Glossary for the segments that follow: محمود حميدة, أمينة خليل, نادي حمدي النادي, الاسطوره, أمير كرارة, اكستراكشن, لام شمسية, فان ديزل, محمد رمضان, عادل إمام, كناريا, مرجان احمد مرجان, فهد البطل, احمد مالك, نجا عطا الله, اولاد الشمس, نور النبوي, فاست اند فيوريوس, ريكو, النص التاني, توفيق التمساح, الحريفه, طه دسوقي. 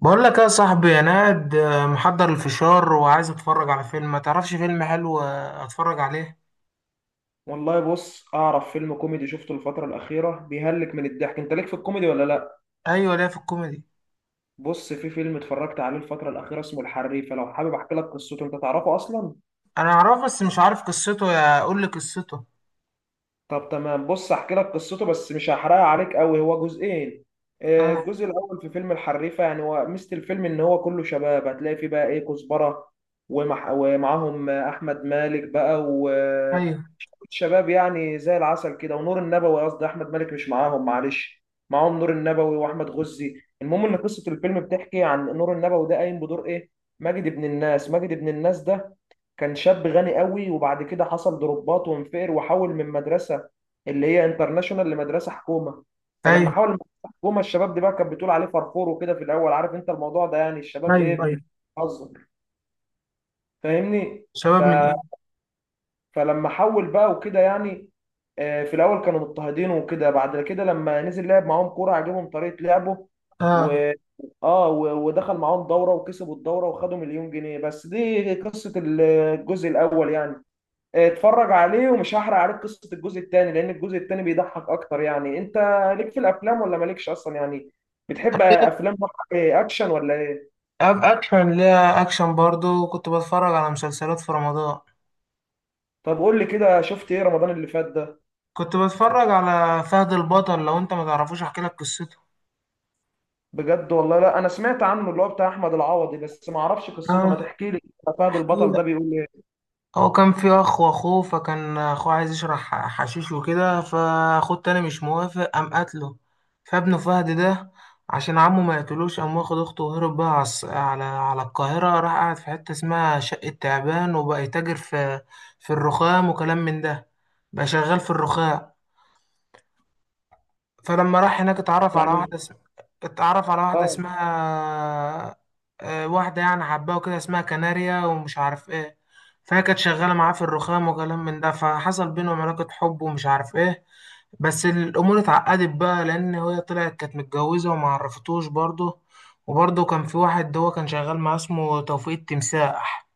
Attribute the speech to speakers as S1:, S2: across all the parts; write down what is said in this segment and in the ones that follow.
S1: بقول لك يا صاحبي، انا قاعد محضر الفشار وعايز اتفرج على فيلم. ما تعرفش فيلم حلو اتفرج عليه؟
S2: والله بص اعرف فيلم كوميدي شفته الفتره الاخيره بيهلك من الضحك. انت ليك في الكوميدي ولا لا؟
S1: ايوه، ليه في الكوميدي.
S2: بص، في فيلم اتفرجت عليه الفتره الاخيره اسمه الحريفه، لو حابب احكي لك قصته؟ انت تعرفه اصلا؟
S1: انا اعرفه بس مش عارف قصته، يا قول لي قصته.
S2: طب تمام، بص احكي لك قصته بس مش هحرقها عليك قوي، هو جزئين.
S1: اه.
S2: الجزء الاول في فيلم الحريفه، يعني هو ميزه الفيلم ان هو كله شباب، هتلاقي فيه بقى ايه، كزبره ومعاهم احمد مالك بقى.
S1: ايوه.
S2: شباب يعني زي العسل كده، ونور النبوي، قصدي احمد مالك مش معاهم، معلش. معاهم نور النبوي واحمد غزي. المهم ان قصه الفيلم بتحكي عن نور النبوي، ده قايم بدور ايه؟ ماجد ابن الناس. ماجد ابن الناس ده كان شاب غني قوي، وبعد كده حصل ضربات وانفقر، وحول من مدرسه اللي هي انترناشونال لمدرسه حكومه. فلما
S1: ايوه،
S2: حول من مدرسه حكومه، الشباب دي بقى كانت بتقول عليه فرفور وكده في الاول، عارف انت الموضوع ده، يعني الشباب
S1: ايوه.
S2: ايه،
S1: ايوه.
S2: بتهزر، فاهمني؟ ف
S1: شباب من ايه؟
S2: فلما حول بقى وكده، يعني في الاول كانوا مضطهدين وكده، بعد كده لما نزل لعب معاهم كوره، عجبهم طريقه لعبه
S1: اه.
S2: و ودخل معاهم دوره، وكسبوا الدوره وخدوا 1,000,000 جنيه. بس دي قصه الجزء الاول يعني. اتفرج عليه، ومش هحرق عليك قصه الجزء الثاني لان الجزء الثاني بيضحك اكتر. يعني انت ليك في الافلام ولا مالكش اصلا يعني؟ بتحب
S1: ليه؟
S2: افلام بقى، اكشن ولا ايه؟
S1: اكشن، ليها اكشن برضو. كنت بتفرج على مسلسلات في رمضان.
S2: طب قول لي كده، شفت ايه رمضان اللي فات ده؟
S1: كنت بتفرج على فهد البطل. لو انت ما تعرفوش احكي لك قصته.
S2: بجد والله لا، انا سمعت عنه، اللي هو بتاع احمد العوضي، بس ما اعرفش قصته، ما
S1: اه،
S2: تحكي لي كده، فهد
S1: احكي.
S2: البطل ده بيقول ايه؟
S1: هو كان في اخ واخوه، فكان اخوه عايز يشرح حشيش وكده، فاخوه التاني مش موافق، قام قتله. فابنه فهد ده، عشان عمه ما يقتلوش قام واخد اخته وهرب بقى على القاهرة راح قاعد في حتة اسمها شقة تعبان، وبقى يتاجر في في الرخام وكلام من ده، بقى شغال في الرخام. فلما راح هناك
S2: يعني
S1: اتعرف على واحدة
S2: اه،
S1: اسمها واحدة يعني حباه وكده، اسمها كناريا ومش عارف ايه. فهي كانت شغالة معاه في الرخام وكلام من ده، فحصل بينهم علاقة حب ومش عارف ايه. بس الأمور اتعقدت بقى، لأن هي طلعت كانت متجوزة وما عرفتوش برضه. وبرضه كان في واحد هو كان شغال معاه اسمه توفيق التمساح.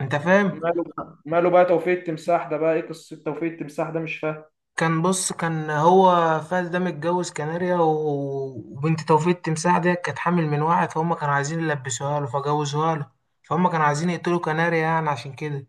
S1: انت فاهم؟
S2: ماله بقى توفيق التمساح ده؟ بقى ايه قصه توفيق التمساح ده؟ مش فاهم.
S1: كان بص، كان هو فاز ده متجوز كناريا و- وبنت توفيق التمساح دي كانت حامل من واحد، فهم كانوا عايزين يلبسوها له فجوزوها له. فهم كانوا عايزين يقتلوا كناريا يعني عشان كده.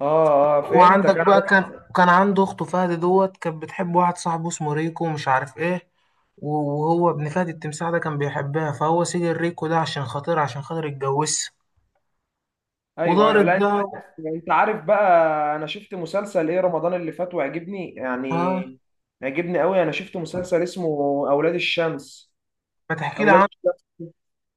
S2: اه اه، فهمتك
S1: وعندك
S2: انا،
S1: بقى
S2: بس.
S1: كان عنده اخته فهد دوت كانت بتحب واحد صاحبه اسمه ريكو ومش عارف ايه. و- وهو ابن فهد التمساح ده كان بيحبها، فهو سجن ريكو ده عشان خاطر يتجوزها.
S2: ايوه ايوه،
S1: ودارت
S2: لا انت،
S1: بقى.
S2: انت عارف بقى، انا شفت مسلسل ايه رمضان اللي فات وعجبني
S1: اه،
S2: يعني، عجبني قوي. انا شفت مسلسل اسمه اولاد الشمس.
S1: ما تحكي لي
S2: اولاد
S1: عنه.
S2: الشمس،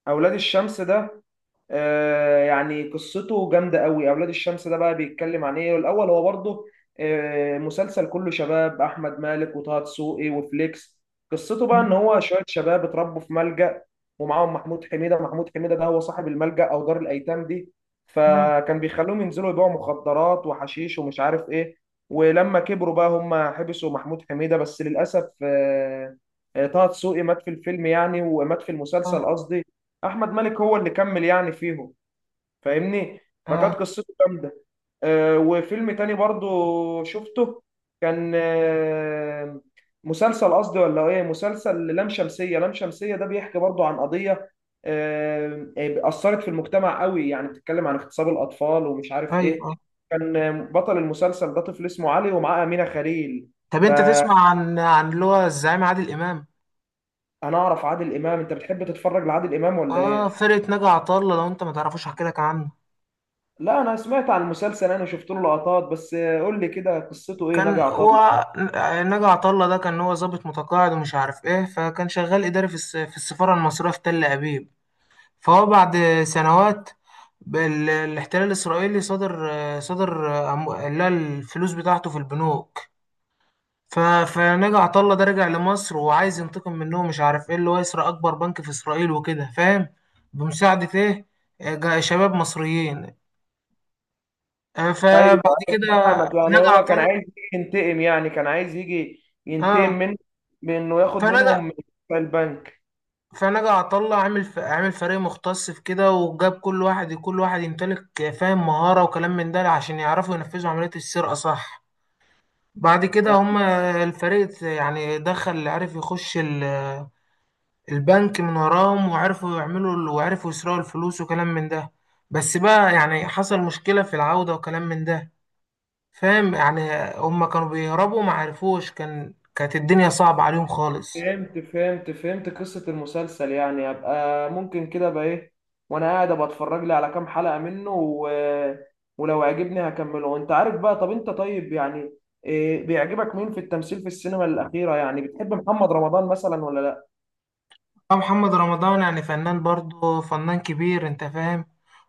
S2: اولاد الشمس ده يعني قصته جامدة قوي. أولاد الشمس ده بقى بيتكلم عن إيه الأول؟ هو برضه مسلسل كله شباب، أحمد مالك وطه دسوقي وفليكس. قصته بقى إن هو شوية شباب اتربوا في ملجأ، ومعاهم محمود حميدة. محمود حميدة ده هو صاحب الملجأ أو دار الأيتام دي، فكان بيخلوهم ينزلوا يبيعوا مخدرات وحشيش ومش عارف إيه. ولما كبروا بقى هم حبسوا محمود حميدة، بس للأسف طه دسوقي مات في الفيلم، يعني ومات في
S1: اه.
S2: المسلسل قصدي. احمد مالك هو اللي كمل يعني فيهم، فاهمني؟ فكانت
S1: اه.
S2: قصته جامده. وفيلم تاني برضو شفته، كان مسلسل قصدي، ولا ايه؟ مسلسل لام شمسية. لام شمسية ده بيحكي برضو عن قضية أثرت في المجتمع قوي، يعني بتتكلم عن اغتصاب الأطفال ومش عارف
S1: ايوه.
S2: ايه.
S1: آه.
S2: كان بطل المسلسل ده طفل اسمه علي، ومعاه أمينة خليل.
S1: طب انت
S2: فأنا
S1: تسمع عن اللي هو الزعيم عادل امام.
S2: أعرف عادل إمام، أنت بتحب تتفرج لعادل إمام ولا
S1: اه،
S2: ايه؟
S1: فرقه نجا عطله. لو انت ما تعرفوش احكي لك عنه.
S2: لا انا سمعت عن المسلسل، انا شفت له لقطات، بس قول لي كده قصته ايه نجا
S1: كان
S2: عطله؟
S1: هو، نجا عطله ده كان هو ضابط متقاعد ومش عارف ايه، فكان شغال اداري في السفاره المصريه في تل ابيب. فهو بعد سنوات الاحتلال الاسرائيلي، صدر صدر اللي هي الفلوس بتاعته في البنوك. ف... فنجا عطا الله ده رجع لمصر وعايز ينتقم منهم، مش عارف ايه، اللي هو يسرق اكبر بنك في اسرائيل وكده، فاهم. بمساعدة ايه، شباب مصريين.
S2: ايوه،
S1: فبعد
S2: أنا
S1: كده
S2: فاهمك، يعني
S1: نجا
S2: هو
S1: عطا
S2: كان عايز
S1: الله.
S2: يجي ينتقم، يعني كان عايز يجي ينتقم
S1: اه.
S2: من بانه ياخد
S1: فنجا
S2: منهم في البنك.
S1: فنجا عطا الله عامل فريق مختص في كده، وجاب كل واحد كل واحد يمتلك فاهم مهارة وكلام من ده، عشان يعرفوا ينفذوا عملية السرقة، صح. بعد كده
S2: آه،
S1: هما الفريق يعني دخل عرف يخش البنك من وراهم، وعرفوا يعملوا وعرفوا يسرقوا الفلوس وكلام من ده. بس بقى يعني حصل مشكلة في العودة وكلام من ده، فاهم يعني. هما كانوا بيهربوا ما عرفوش، كانت الدنيا صعبة عليهم خالص.
S2: فهمت فهمت فهمت قصة المسلسل، يعني ابقى ممكن كده بقى ايه، وانا قاعد ابقى اتفرج لي على كام حلقة منه ولو عجبني هكمله. وانت عارف بقى، طب انت طيب يعني، إيه بيعجبك مين في التمثيل في السينما الأخيرة؟ يعني بتحب محمد رمضان مثلا ولا لا؟
S1: أه، محمد رمضان يعني فنان، برضه فنان كبير، انت فاهم.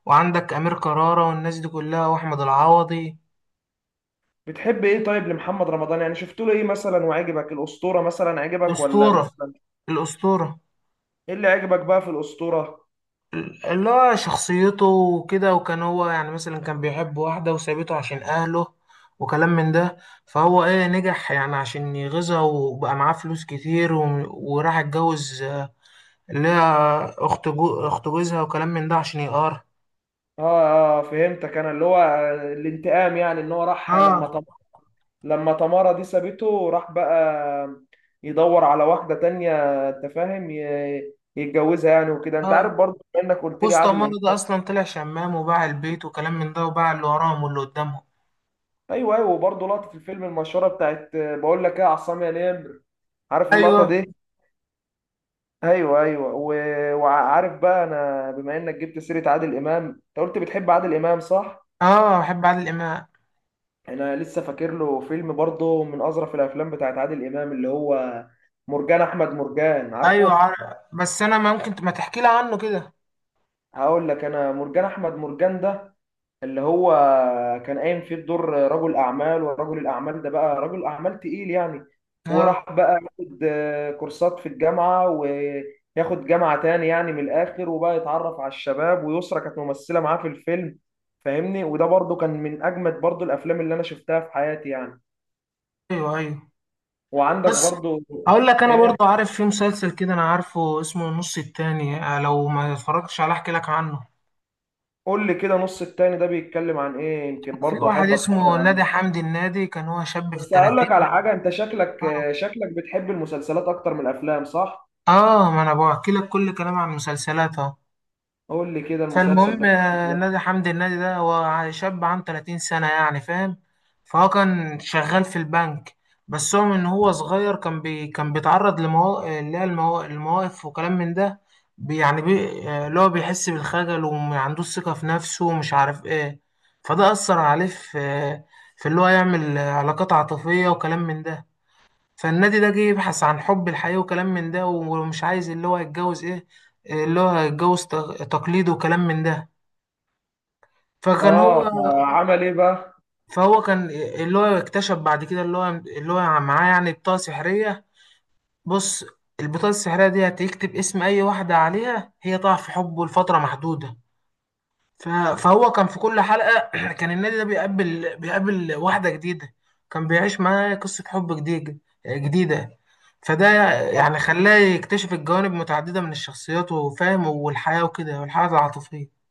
S1: وعندك أمير كرارة والناس دي كلها، وأحمد العوضي.
S2: بتحب ايه طيب لمحمد رمضان، يعني شفت له ايه مثلا وعجبك؟ الاسطوره مثلا عجبك ولا
S1: أسطورة.
S2: مثلا؟
S1: الأسطورة.
S2: ايه اللي عجبك بقى في الاسطوره؟
S1: اللي هو شخصيته وكده، وكان هو يعني مثلا كان بيحب واحدة وسابته عشان أهله وكلام من ده. فهو إيه، نجح يعني عشان يغيظها وبقى معاه فلوس كتير وراح اتجوز اللي هي أخت أخت جوزها وكلام من ده عشان يقار.
S2: اه اه فهمتك انا، اللي هو الانتقام، يعني ان هو راح لما
S1: آه.
S2: لما تمارا دي سابته راح بقى يدور على واحده تانية، انت فاهم؟ يتجوزها يعني وكده. انت
S1: آه.
S2: عارف برضه بما انك قلت لي
S1: وسط
S2: عادل
S1: عمارة
S2: امام،
S1: ده أصلا طلع شمام، وباع البيت وكلام من ده، وباع اللي وراهم واللي قدامهم.
S2: ايوه ايوه، وبرضه لقطه الفيلم المشهوره بتاعت بقول لك ايه، يا عصام يا نمر، عارف اللقطه
S1: أيوه.
S2: دي؟ ايوه ايوه. وعارف بقى، انا بما انك جبت سيره عادل امام، انت قلت بتحب عادل امام، صح؟
S1: آه، بحب عادل إمام.
S2: انا لسه فاكر له فيلم برضه من اظرف الافلام بتاعت عادل امام، اللي هو مرجان احمد مرجان،
S1: أيوه،
S2: عارفه؟
S1: عارف. بس أنا ممكن ما تحكي لي عنه كده.
S2: هقول لك انا، مرجان احمد مرجان ده اللي هو كان قايم فيه بدور رجل اعمال، ورجل الاعمال ده بقى رجل اعمال تقيل يعني،
S1: آه.
S2: وراح بقى ياخد كورسات في الجامعه، وياخد جامعه تاني يعني من الاخر، وبقى يتعرف على الشباب، ويسرا كانت ممثله معاه في الفيلم، فاهمني؟ وده برضو كان من اجمد برضو الافلام اللي انا شفتها في حياتي يعني.
S1: أيوه. أيوه.
S2: وعندك
S1: بس
S2: برضو
S1: هقول لك انا،
S2: ايه،
S1: برضو عارف في مسلسل كده، انا عارفه اسمه النص التاني. لو ما اتفرجتش عليه احكي لك عنه.
S2: قول لي كده نص التاني ده بيتكلم عن ايه، يمكن
S1: في
S2: برضو
S1: واحد
S2: احب اتفرج
S1: اسمه نادي
S2: عليه.
S1: حمدي، النادي كان هو شاب في
S2: بس هقول
S1: الثلاثين.
S2: لك على حاجه، انت شكلك شكلك بتحب المسلسلات اكتر من الافلام، صح؟
S1: اه، ما انا بحكي لك كل كلام عن مسلسلاتها.
S2: قول لي كده المسلسل
S1: فالمهم
S2: ده.
S1: نادي حمدي النادي ده هو شاب عنده 30 سنة يعني، فاهم. فهو كان شغال في البنك. بس هو من هو صغير، كان بيتعرض لمواقف اللي هي المواقف وكلام من ده. يعني اللي هو بيحس بالخجل وما عندوش ثقة في نفسه ومش عارف ايه. فده أثر عليه في في اللي هو يعمل علاقات عاطفية وكلام من ده. فالنادي ده جه يبحث عن حب الحقيقي وكلام من ده، ومش عايز اللي هو يتجوز ايه، اللي هو يتجوز تقليد وكلام من ده. فكان هو،
S2: اه فعمل ايه بقى؟
S1: فهو كان اللي هو اكتشف بعد كده اللي هو معاه يعني بطاقة سحرية. بص، البطاقة السحرية دي هتكتب اسم أي واحدة عليها، هي تقع في حبه لفترة محدودة. ف- فهو كان في كل حلقة كان النادي ده بيقابل واحدة جديدة، كان بيعيش معاها قصة حب جديدة جديدة. فده يعني
S2: آه.
S1: خلاه يكتشف الجوانب متعددة من الشخصيات، وفاهم، والحياة وكده، والحياة العاطفية.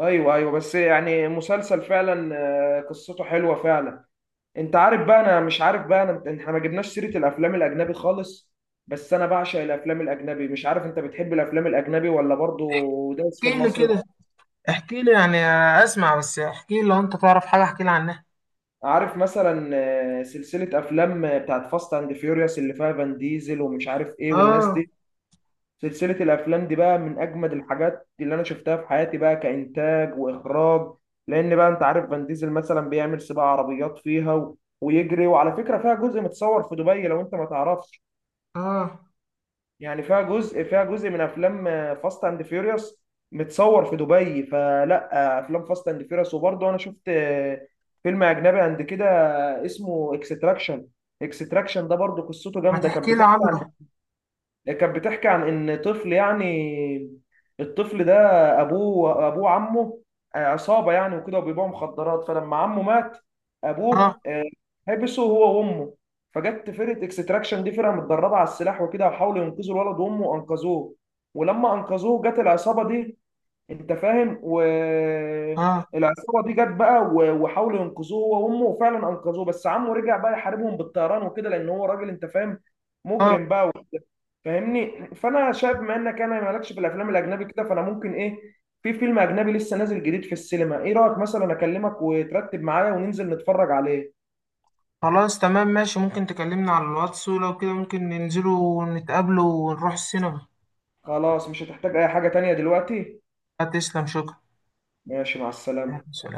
S2: ايوه ايوه، بس يعني مسلسل فعلا قصته حلوه فعلا. انت عارف بقى، انا مش عارف بقى، انا احنا ما جبناش سيره الافلام الاجنبي خالص، بس انا بعشق الافلام الاجنبي. مش عارف انت بتحب الافلام الاجنبي ولا برضو دايس في
S1: احكيلي
S2: المصري؟
S1: كده. احكي لي يعني. اسمع، بس احكي لي لو انت تعرف حاجه، احكي لي عنها.
S2: عارف مثلا سلسله افلام بتاعت فاست اند فيوريوس، اللي فيها فان ديزل ومش عارف ايه والناس
S1: اه.
S2: دي؟ سلسلة الأفلام دي بقى من أجمد الحاجات اللي أنا شفتها في حياتي، بقى كإنتاج وإخراج، لأن بقى أنت عارف فان ديزل مثلا بيعمل سباق عربيات فيها ويجري، وعلى فكرة فيها جزء متصور في دبي لو أنت ما تعرفش.
S1: اه،
S2: يعني فيها جزء، فيها جزء من أفلام فاست أند فيوريوس متصور في دبي. فلا أفلام فاست أند فيوريوس. وبرضه أنا شفت فيلم أجنبي عند كده اسمه اكستراكشن. اكستراكشن ده برضه قصته
S1: ما
S2: جامدة،
S1: تحكي
S2: كانت
S1: لي
S2: بتحكي،
S1: عنه.
S2: كانت بتحكي عن ان طفل يعني. الطفل ده ابوه عمه عصابه يعني وكده، وبيبيعوا مخدرات. فلما عمه مات،
S1: اه.
S2: ابوه حبسه هو وامه. فجت فرقه اكستراكشن دي، فرقه متدربه على السلاح وكده، وحاولوا ينقذوا الولد وامه، وانقذوه. ولما انقذوه جت العصابه دي، انت فاهم؟
S1: اه.
S2: والعصابه دي جت بقى وحاولوا ينقذوه هو وامه، وفعلا انقذوه، بس عمه رجع بقى يحاربهم بالطيران وكده، لان هو راجل انت فاهم،
S1: اه.
S2: مجرم بقى، فاهمني؟ فانا شايف بما انك انا مالكش في الافلام الاجنبي كده، فانا ممكن ايه، في فيلم اجنبي لسه نازل جديد في السينما، ايه رايك مثلا اكلمك وترتب معايا وننزل نتفرج عليه؟
S1: خلاص، تمام، ماشي. ممكن تكلمنا على الواتس، ولو كده ممكن ننزلوا ونتقابلوا ونروح السينما.
S2: خلاص مش هتحتاج اي حاجه تانية دلوقتي.
S1: هتسلم، شكرا.
S2: ماشي، مع السلامه.
S1: سلام.